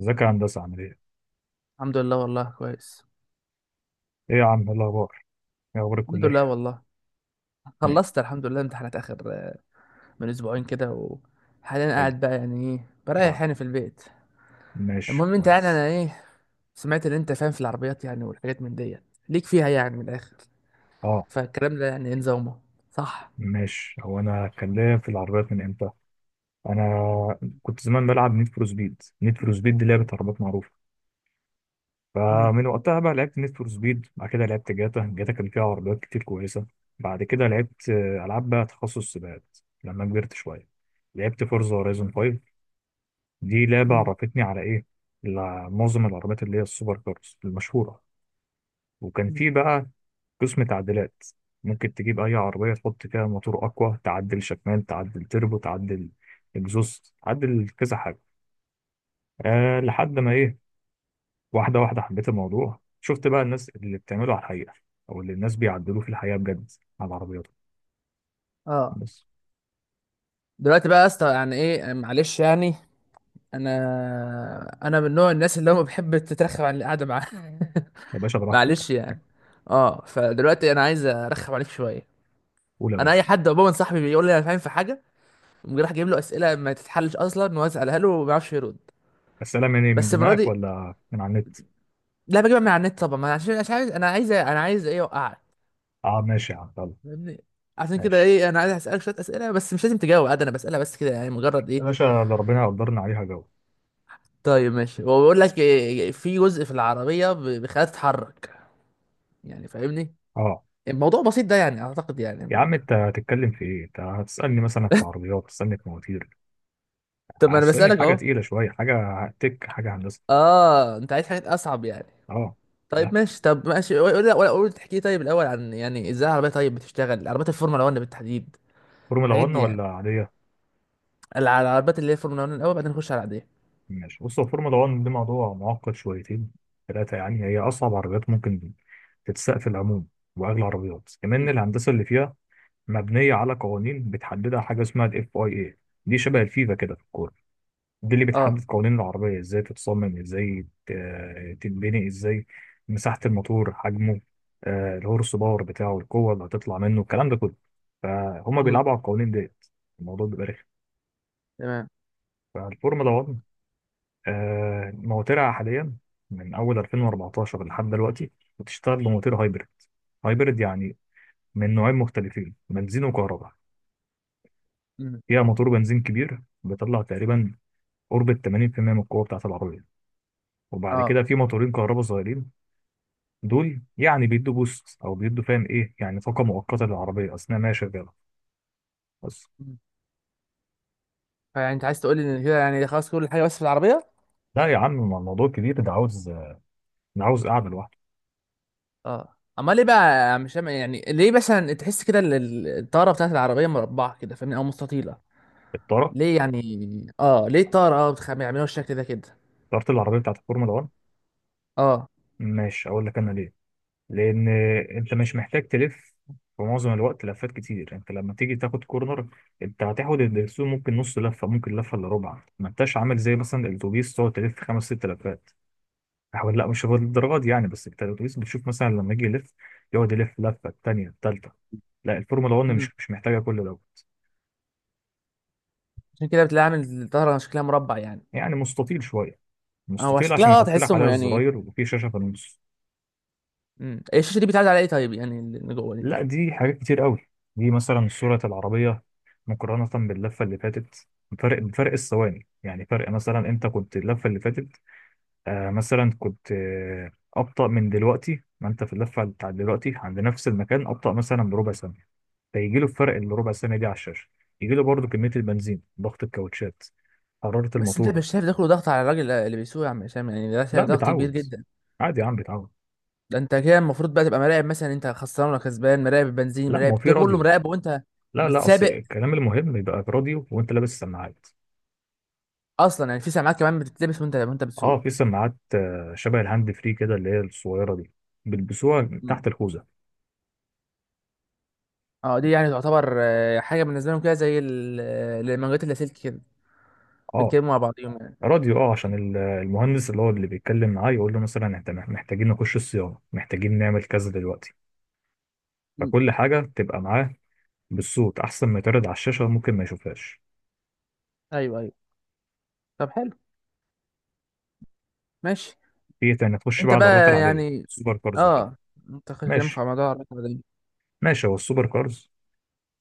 ازيك يا هندسة عامل ايه؟ الحمد لله والله كويس. ايه يا عم، ايه الأخبار؟ ايه أخبار الحمد لله الكلية؟ والله نعم. خلصت الحمد لله امتحانات اخر من اسبوعين كده. وحاليا حلو. قاعد بقى يعني ايه اه. بريح يعني في البيت. ماشي، المهم انت يعني كويس. انا ايه سمعت ان انت فاهم في العربيات يعني والحاجات من ديت ليك فيها يعني من الاخر. اه، فالكلام ده يعني ايه نظامه، صح؟ ماشي. هو أنا هتكلم في العربيات من امتى؟ أنا كنت زمان بلعب نيد فور سبيد. نيد فور سبيد دي لعبة عربيات معروفة. مم. فمن وقتها بقى لعبت نيد فور سبيد، بعد كده لعبت جاتا. جاتا كان فيها عربيات كتير كويسة. بعد كده لعبت ألعاب بقى تخصص سباقات لما كبرت شوية. لعبت فورزا هورايزون 5. دي لعبة مم. عرفتني على ايه؟ على معظم العربيات اللي هي السوبر كارز المشهورة. وكان مم. في بقى قسم تعديلات. ممكن تجيب أي عربية تحط فيها موتور أقوى، تعدل شكمان، تعدل تربو، تعدل إكزوست، تعدل كذا حاجة. أه، لحد ما إيه، واحدة واحدة حبيت الموضوع. شفت بقى الناس اللي بتعمله على الحقيقة، أو اللي الناس بيعدلوه في الحقيقة بجد على عربياتهم اه، بس. دلوقتي بقى يا اسطى يعني ايه معلش يعني، انا من نوع الناس اللي هم بحب تترخم عن القعده معاه. يا باشا براحتك. معلش يعني. اه، فدلوقتي انا عايز ارخم عليك شويه. قول يا انا اي باشا. حد عموما صاحبي بيقول لي انا فاهم في حاجه، قوم راح جايب له اسئله ما تتحلش اصلا واسالها له وما بيعرفش يرد. السلام من إيه، من بس المره دماغك دي ولا من على النت؟ لا، بجيبها من على النت طبعا، ما أنا عشان مش عايز، انا عايز انا عايز ايه اوقعك، أه ماشي يا عم، يلا. فاهمني؟ عشان كده ماشي ايه انا عايز اسالك شويه اسئله، بس مش لازم تجاوب عادي، انا بسالها بس كده يعني مجرد يا ايه. باشا، ده ربنا قدرنا عليها جو. طيب ماشي، هو بيقول لك إيه، في جزء في العربيه بيخليها تتحرك، يعني فاهمني؟ أه. الموضوع بسيط ده يعني اعتقد يعني يا عم ما... أنت هتتكلم في إيه؟ أنت هتسألني مثلا في عربيات، تسألني في مواتير، طب ما انا هتستني في بسالك حاجة اهو. تقيلة شوية، حاجة تك، حاجة هندسة. اه، انت عايز حاجات اصعب يعني. اه. طيب لا ماشي، طب ماشي قول لا، ولا قول تحكي طيب الاول عن يعني ازاي العربيه، طيب بتشتغل عربيات الفورمولا 1 بالتحديد، فورمولا الحاجات 1 دي يعني. ولا عادية. العربيات اللي هي الفورمولا 1 الاول، بعدين نخش على العاديه. ماشي، بص، هو فورمولا 1 دي موضوع معقد شويتين ثلاثة يعني. هي أصعب عربيات ممكن تتساق في العموم، وأغلى عربيات كمان. مم. الهندسة اللي فيها مبنية على قوانين بتحددها حاجة اسمها ال FIA. دي شبه الفيفا كده في الكورة. دي اللي بتحدد اه. قوانين العربية ازاي تتصمم، ازاي تتبني، ازاي مساحة الموتور، حجمه، الهورس باور بتاعه، القوة اللي هتطلع منه، الكلام ده كله. فهم مم. بيلعبوا على القوانين ديت. الموضوع بيبقى رخم. تمام. فالفورمولا 1 مواترها حاليا من أول 2014 لحد دلوقتي بتشتغل بمواتير هايبرد. هايبرد يعني من نوعين مختلفين، بنزين وكهرباء. مم. فيها موتور بنزين كبير بيطلع تقريبا قرب ال 80% من القوة بتاعة العربية، وبعد كده اه. في موتورين كهرباء صغيرين. دول يعني بيدوا بوست او بيدوا، فاهم ايه، يعني طاقه مؤقته للعربيه اثناء ما هي شغاله بس. مم. فيعني انت عايز تقول لي ان كده يعني خلاص كل حاجه بس في العربيه؟ لا يا عم، ما الموضوع كبير، ده عاوز، ده عاوز قاعده لوحده. اه، امال ليه بقى، مش يعني ليه مثلا تحس كده الطاره بتاعت العربيه مربعه كده، فاهمني، او مستطيله؟ الطاره ليه يعني؟ اه، ليه الطاره، اه، بيعملوها بالشكل ده كده؟ طاره العربيه بتاعت الفورمولا 1، اه. ماشي اقول لك انا ليه. لان انت مش محتاج تلف في معظم الوقت لفات كتير. انت لما تيجي تاخد كورنر، انت هتاخد الدرسون ممكن نص لفه، ممكن لفه الا ربع. ما انتش عامل زي مثلا الاتوبيس تقعد تلف خمس ست لفات. حاول، لا مش هو للدرجه دي يعني، بس انت الاتوبيس بتشوف مثلا لما يجي يلف، يقعد يلف لفه الثانيه، الثالثه. لا الفورمولا 1 مم. مش محتاجه كل دوت. عشان كده بتلاقي عامل الطاره شكلها مربع يعني. يعني مستطيل شويه. هو مستطيل عشان شكلها اه يحط لك تحسهم عليها يعني. الزراير، وفي شاشه في النص. الشاشه دي بتعدي على ايه طيب يعني اللي جوه دي؟ لا دي حاجات كتير قوي. دي مثلا صوره العربيه مقارنه باللفه اللي فاتت، فرق بفرق الثواني. يعني فرق، مثلا انت كنت اللفه اللي فاتت مثلا كنت ابطا من دلوقتي، ما انت في اللفه بتاعت دلوقتي عند نفس المكان ابطا مثلا بربع ثانيه، فيجي له الفرق اللي ربع سنه دي على الشاشه. يجي له برضه كميه البنزين، ضغط الكاوتشات، حراره بس انت الموتور. مش شايف ده كله ضغط على الراجل اللي بيسوق يا عم هشام؟ يعني ده لا شايف ضغط كبير بتعود. جدا. عادي يا عم، بتعود. ده انت كده المفروض بقى تبقى مراقب مثلا انت خسران ولا كسبان، مراقب البنزين، لا ما هو مراقب في ده كله، راديو. مراقب وانت لا، لا، اصل بتسابق. الكلام المهم يبقى في راديو وانت لابس سماعات. اصلا يعني في سماعات كمان بتتلبس وانت اه، بتسوق؟ في سماعات شبه الهاند فري كده، اللي هي الصغيره دي، بيلبسوها امم. تحت الخوذه. اه، دي يعني تعتبر حاجه بالنسبه لهم كده زي المانجات اللاسلكي كده، اه. بيتكلموا مع بعضهم يعني. راديو اه عشان المهندس اللي هو اللي بيتكلم معاه يقول له مثلا احنا محتاجين نخش الصيانه، محتاجين نعمل كذا دلوقتي. امم. فكل حاجه تبقى معاه بالصوت، احسن ما يتعرض على الشاشه ممكن ما يشوفهاش. ايوه ايوه. طب حلو. ماشي. في ايه تاني؟ نخش بقى انت على العربيات بقى العادية، يعني، السوبر كارز وكده. اه، انت كلامك ماشي، على موضوع الرقم ماشي. هو السوبر كارز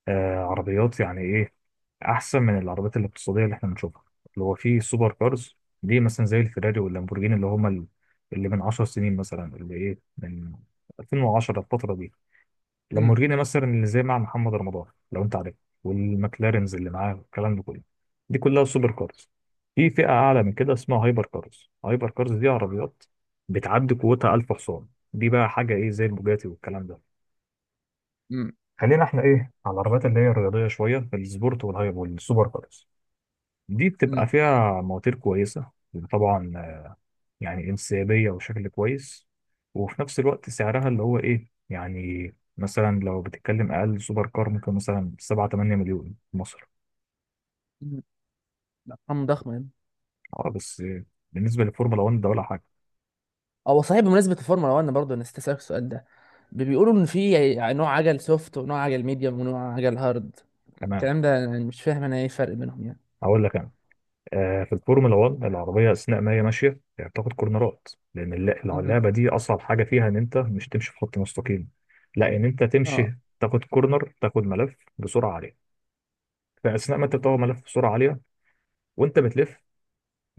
عربيات يعني ايه، احسن من العربيات الاقتصادية اللي احنا بنشوفها. اللي هو في سوبر كارز، دي مثلا زي الفيراري واللامبورجيني، اللي هما اللي من 10 سنين مثلا، اللي ايه، من 2010 الفترة دي. ده. لامبورجيني مثلا اللي زي مع محمد رمضان، لو انت عارف، والمكلارنز اللي معاه والكلام ده كله، دي كلها سوبر كارز. في فئة أعلى من كده اسمها هايبر كارز. هايبر كارز دي عربيات بتعدي قوتها 1000 حصان. دي بقى حاجة إيه زي البوجاتي والكلام ده. امم. خلينا إحنا إيه، على العربيات اللي هي الرياضية شوية، السبورت والهايبر والسوبر كارز. دي بتبقى امم. فيها مواتير كويسة طبعا، يعني انسيابية وشكل كويس، وفي نفس الوقت سعرها اللي هو إيه، يعني مثلا لو بتتكلم أقل سوبر كار ممكن مثلا 7 8 مليون في مصر. امم. ارقام ضخمه يعني. أه، بس بالنسبة للفورمولا 1 ده ولا حاجة. هو صحيح بمناسبه الفورمولا 1 برضه، انا استسألك السؤال ده، بيقولوا ان في يعني نوع عجل سوفت، ونوع عجل ميديوم، ونوع عجل هارد. تمام. الكلام ده انا مش فاهم، انا ايه الفرق بينهم يعني؟ هقول لك أنا. في الفورمولا 1 العربية أثناء ما هي ماشية يعني بتاخد كورنرات. لأن امم. اللعبة دي أصعب حاجة فيها إن أنت مش تمشي في خط مستقيم. لا، إن أنت اه. تمشي، تاخد كورنر، تاخد ملف بسرعة عالية. فأثناء ما أنت بتاخد ملف بسرعة عالية وأنت بتلف،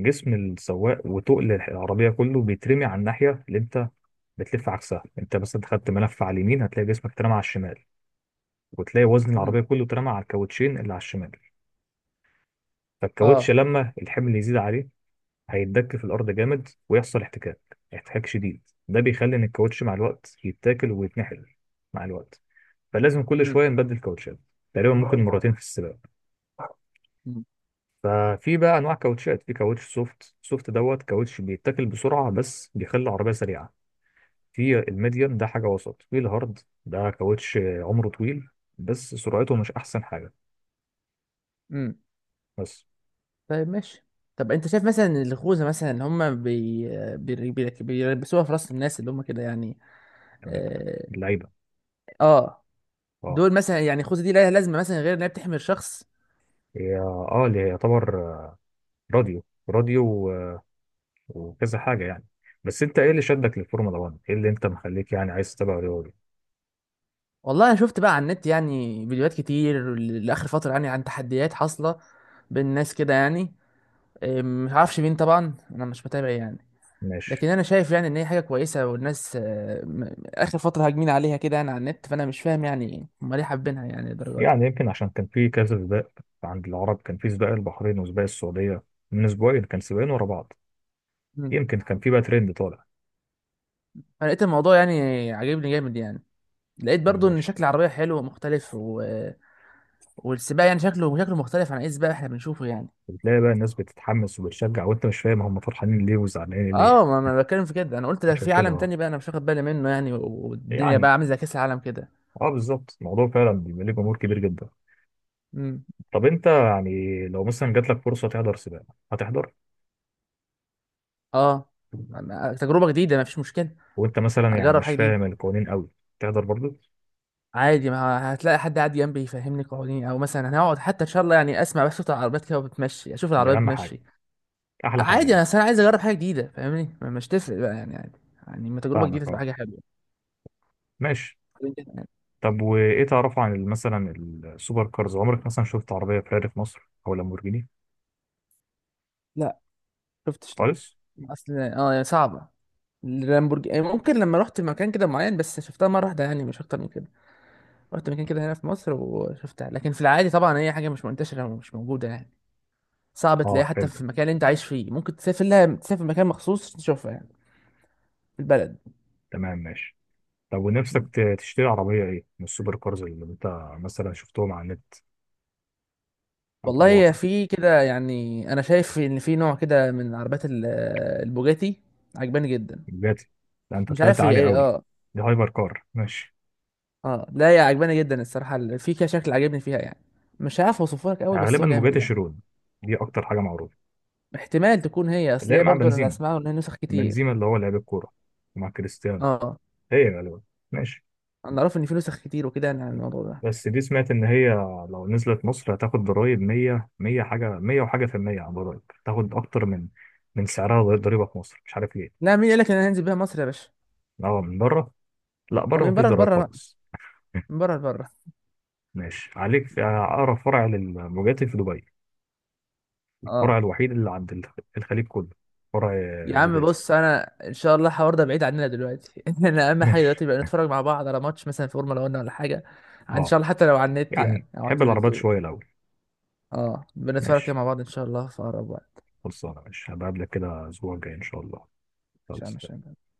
جسم السواق وتقل العربية كله بيترمي على الناحية اللي انت بتلف عكسها. انت مثلا خدت ملف على اليمين، هتلاقي جسمك اترمى على الشمال، وتلاقي وزن امم. العربية كله اترمى على الكاوتشين اللي على الشمال. فالكاوتش اه. لما الحمل يزيد عليه هيتدك في الأرض جامد، ويحصل احتكاك، احتكاك شديد. ده بيخلي ان الكاوتش مع الوقت يتاكل ويتنحل مع الوقت، فلازم كل امم. شوية نبدل كاوتشات. تقريبا ممكن مرتين في السباق. امم. ففي بقى انواع كاوتشات. في كاوتش سوفت. سوفت دوت كاوتش بيتاكل بسرعه، بس بيخلي العربيه سريعه. في الميديم، ده حاجة وسط. في الهارد، ده كاوتش عمره طويل بس سرعته مش أحسن حاجة. امم. بس. طيب ماشي. طب انت شايف مثلا إن الخوذه مثلا اللي هم بيلبسوها في راس الناس اللي هم كده يعني؟ تمام. اه. اللعيبة، آه، اه. دول مثلا يعني الخوذه دي لها لازمه مثلا غير انها بتحمي الشخص؟ هي اللي هي يعتبر راديو، راديو وكذا حاجة يعني. بس انت ايه اللي شدك للفورمولا 1؟ ايه اللي انت مخليك يعني عايز تتابع رياضي؟ والله انا شفت بقى على النت يعني فيديوهات كتير لاخر فتره يعني عن تحديات حاصله بين الناس كده يعني. مش عارفش مين طبعا، انا مش متابع يعني، ماشي. لكن انا شايف يعني ان هي حاجه كويسه، والناس اخر فتره هاجمين عليها كده يعني على النت، فانا مش فاهم يعني هم ليه حابينها يعني الدرجه دي. يعني يمكن عشان كان في كذا سباق. عند العرب كان في سباق البحرين وسباق السعودية، من اسبوعين كان سباقين ورا بعض، مم. يمكن كان في بقى ترند طالع. انا لقيت الموضوع يعني عاجبني جامد يعني، لقيت برضو ان ماشي. شكل العربيه حلو ومختلف و... والسباق يعني شكله مختلف عن اي سباق احنا بنشوفه يعني. بتلاقي بقى الناس بتتحمس وبتشجع، وانت مش فاهم هم فرحانين ليه وزعلانين ليه. اه، ما انا بتكلم في كده. انا قلت ده عشان في كده، عالم اه. تاني بقى، انا مش واخد بالي منه يعني، والدنيا يعني بقى عامله زي كاس العالم كده. اه، بالظبط، الموضوع فعلا بيبقى ليه جمهور كبير جدا. امم. طب انت يعني لو مثلا جات لك فرصه تحضر سباق، هتحضر؟ اه، تجربه جديده، ما فيش مشكله. وانت مثلا يعني اجرب مش حاجه فاهم جديده. القوانين قوي، تحضر برضو؟ عادي، ما هتلاقي حد قاعد جنبي يفهمني قوانين، او مثلا هنقعد حتى ان شاء الله يعني اسمع بس صوت العربيات كده بتمشي، اشوف دي العربيات اهم حاجه. بتمشي. احلى حاجه عادي، دي. انا اصل انا عايز اجرب حاجه جديده، فاهمني، مش تفرق بقى يعني عادي. يعني ما تجربه جديده فاهمك، تبقى اه، حاجه حلوه. ماشي. طب وايه تعرفه عن مثلا السوبر كارز؟ عمرك مثلا شفت عربيه فيراري في مصر او لامبورجيني لا، شفتش، لا. خالص؟ اصل اه يعني صعبه. اللامبورجيني يعني، ممكن لما رحت مكان كده معين بس شفتها مره واحده يعني، مش اكتر من كده. رحت مكان كده هنا في مصر وشفتها، لكن في العادي طبعا هي حاجة مش منتشرة ومش موجودة يعني. صعب تلاقيها اه حتى في فهمتك. المكان اللي انت عايش فيه، ممكن تسافر لها، تسافر مكان مخصوص تشوفها يعني في البلد. تمام، ماشي. طب ونفسك تشتري عربية ايه من السوبر كارز اللي انت مثلا شفتهم على النت، او في والله هي الواقع؟ في كده يعني، انا شايف ان في نوع كده من عربيات البوجاتي، عجباني جدا. بوجاتي؟ ده انت مش طلعت عارف هي عالي ايه، قوي. اه. دي هايبر كار، ماشي. اه، لا، هي عجباني جدا الصراحة، في كده شكل عاجبني فيها يعني، مش عارف اوصفه لك قوي يعني بس غالبا هو جامد بوجاتي يعني. شيرون، دي اكتر حاجة معروفة، احتمال تكون هي، اصل اللي هي هي مع برضه انا اللي بنزيما. اسمعه ان هي نسخ كتير. بنزيما اللي هو لعيب الكورة، ومع كريستيانو. اه، هي غالبا، ماشي. انا اعرف ان في نسخ كتير وكده يعني عن الموضوع ده. بس دي سمعت ان هي لو نزلت مصر هتاخد ضرايب 100، 100 حاجة، 100 وحاجة في المية على الضرايب، تاخد اكتر من سعرها ضريبة في مصر، مش عارف ليه. لا، مين قال لك ان انا هنزل بيها مصر يا باشا؟ اه، من بره؟ لا أو بره من مفيش بره ضرايب لبره بقى، خالص. من بره لبره. ماشي، عليك في أقرب فرع للبوجاتي في دبي، الفرع اه، الوحيد اللي عند الخليج كله. فرع يا عم بوجاتي. بص، انا ان شاء الله الحوار ده بعيد عننا دلوقتي. انا اهم حاجه ماشي. دلوقتي بقى نتفرج مع بعض على ماتش مثلا فورمولا 1 ولا حاجه، ان اه، شاء الله حتى لو على النت يعني يعني او على بحب العربيات التلفزيون. شوية الأول. اه، بنتفرج كده ماشي. مع بعض ان شاء الله في اقرب وقت. خلصانة، ماشي، هبقابلك كده الأسبوع الجاي إن شاء الله. مش عارف، مش خلاص. عارف.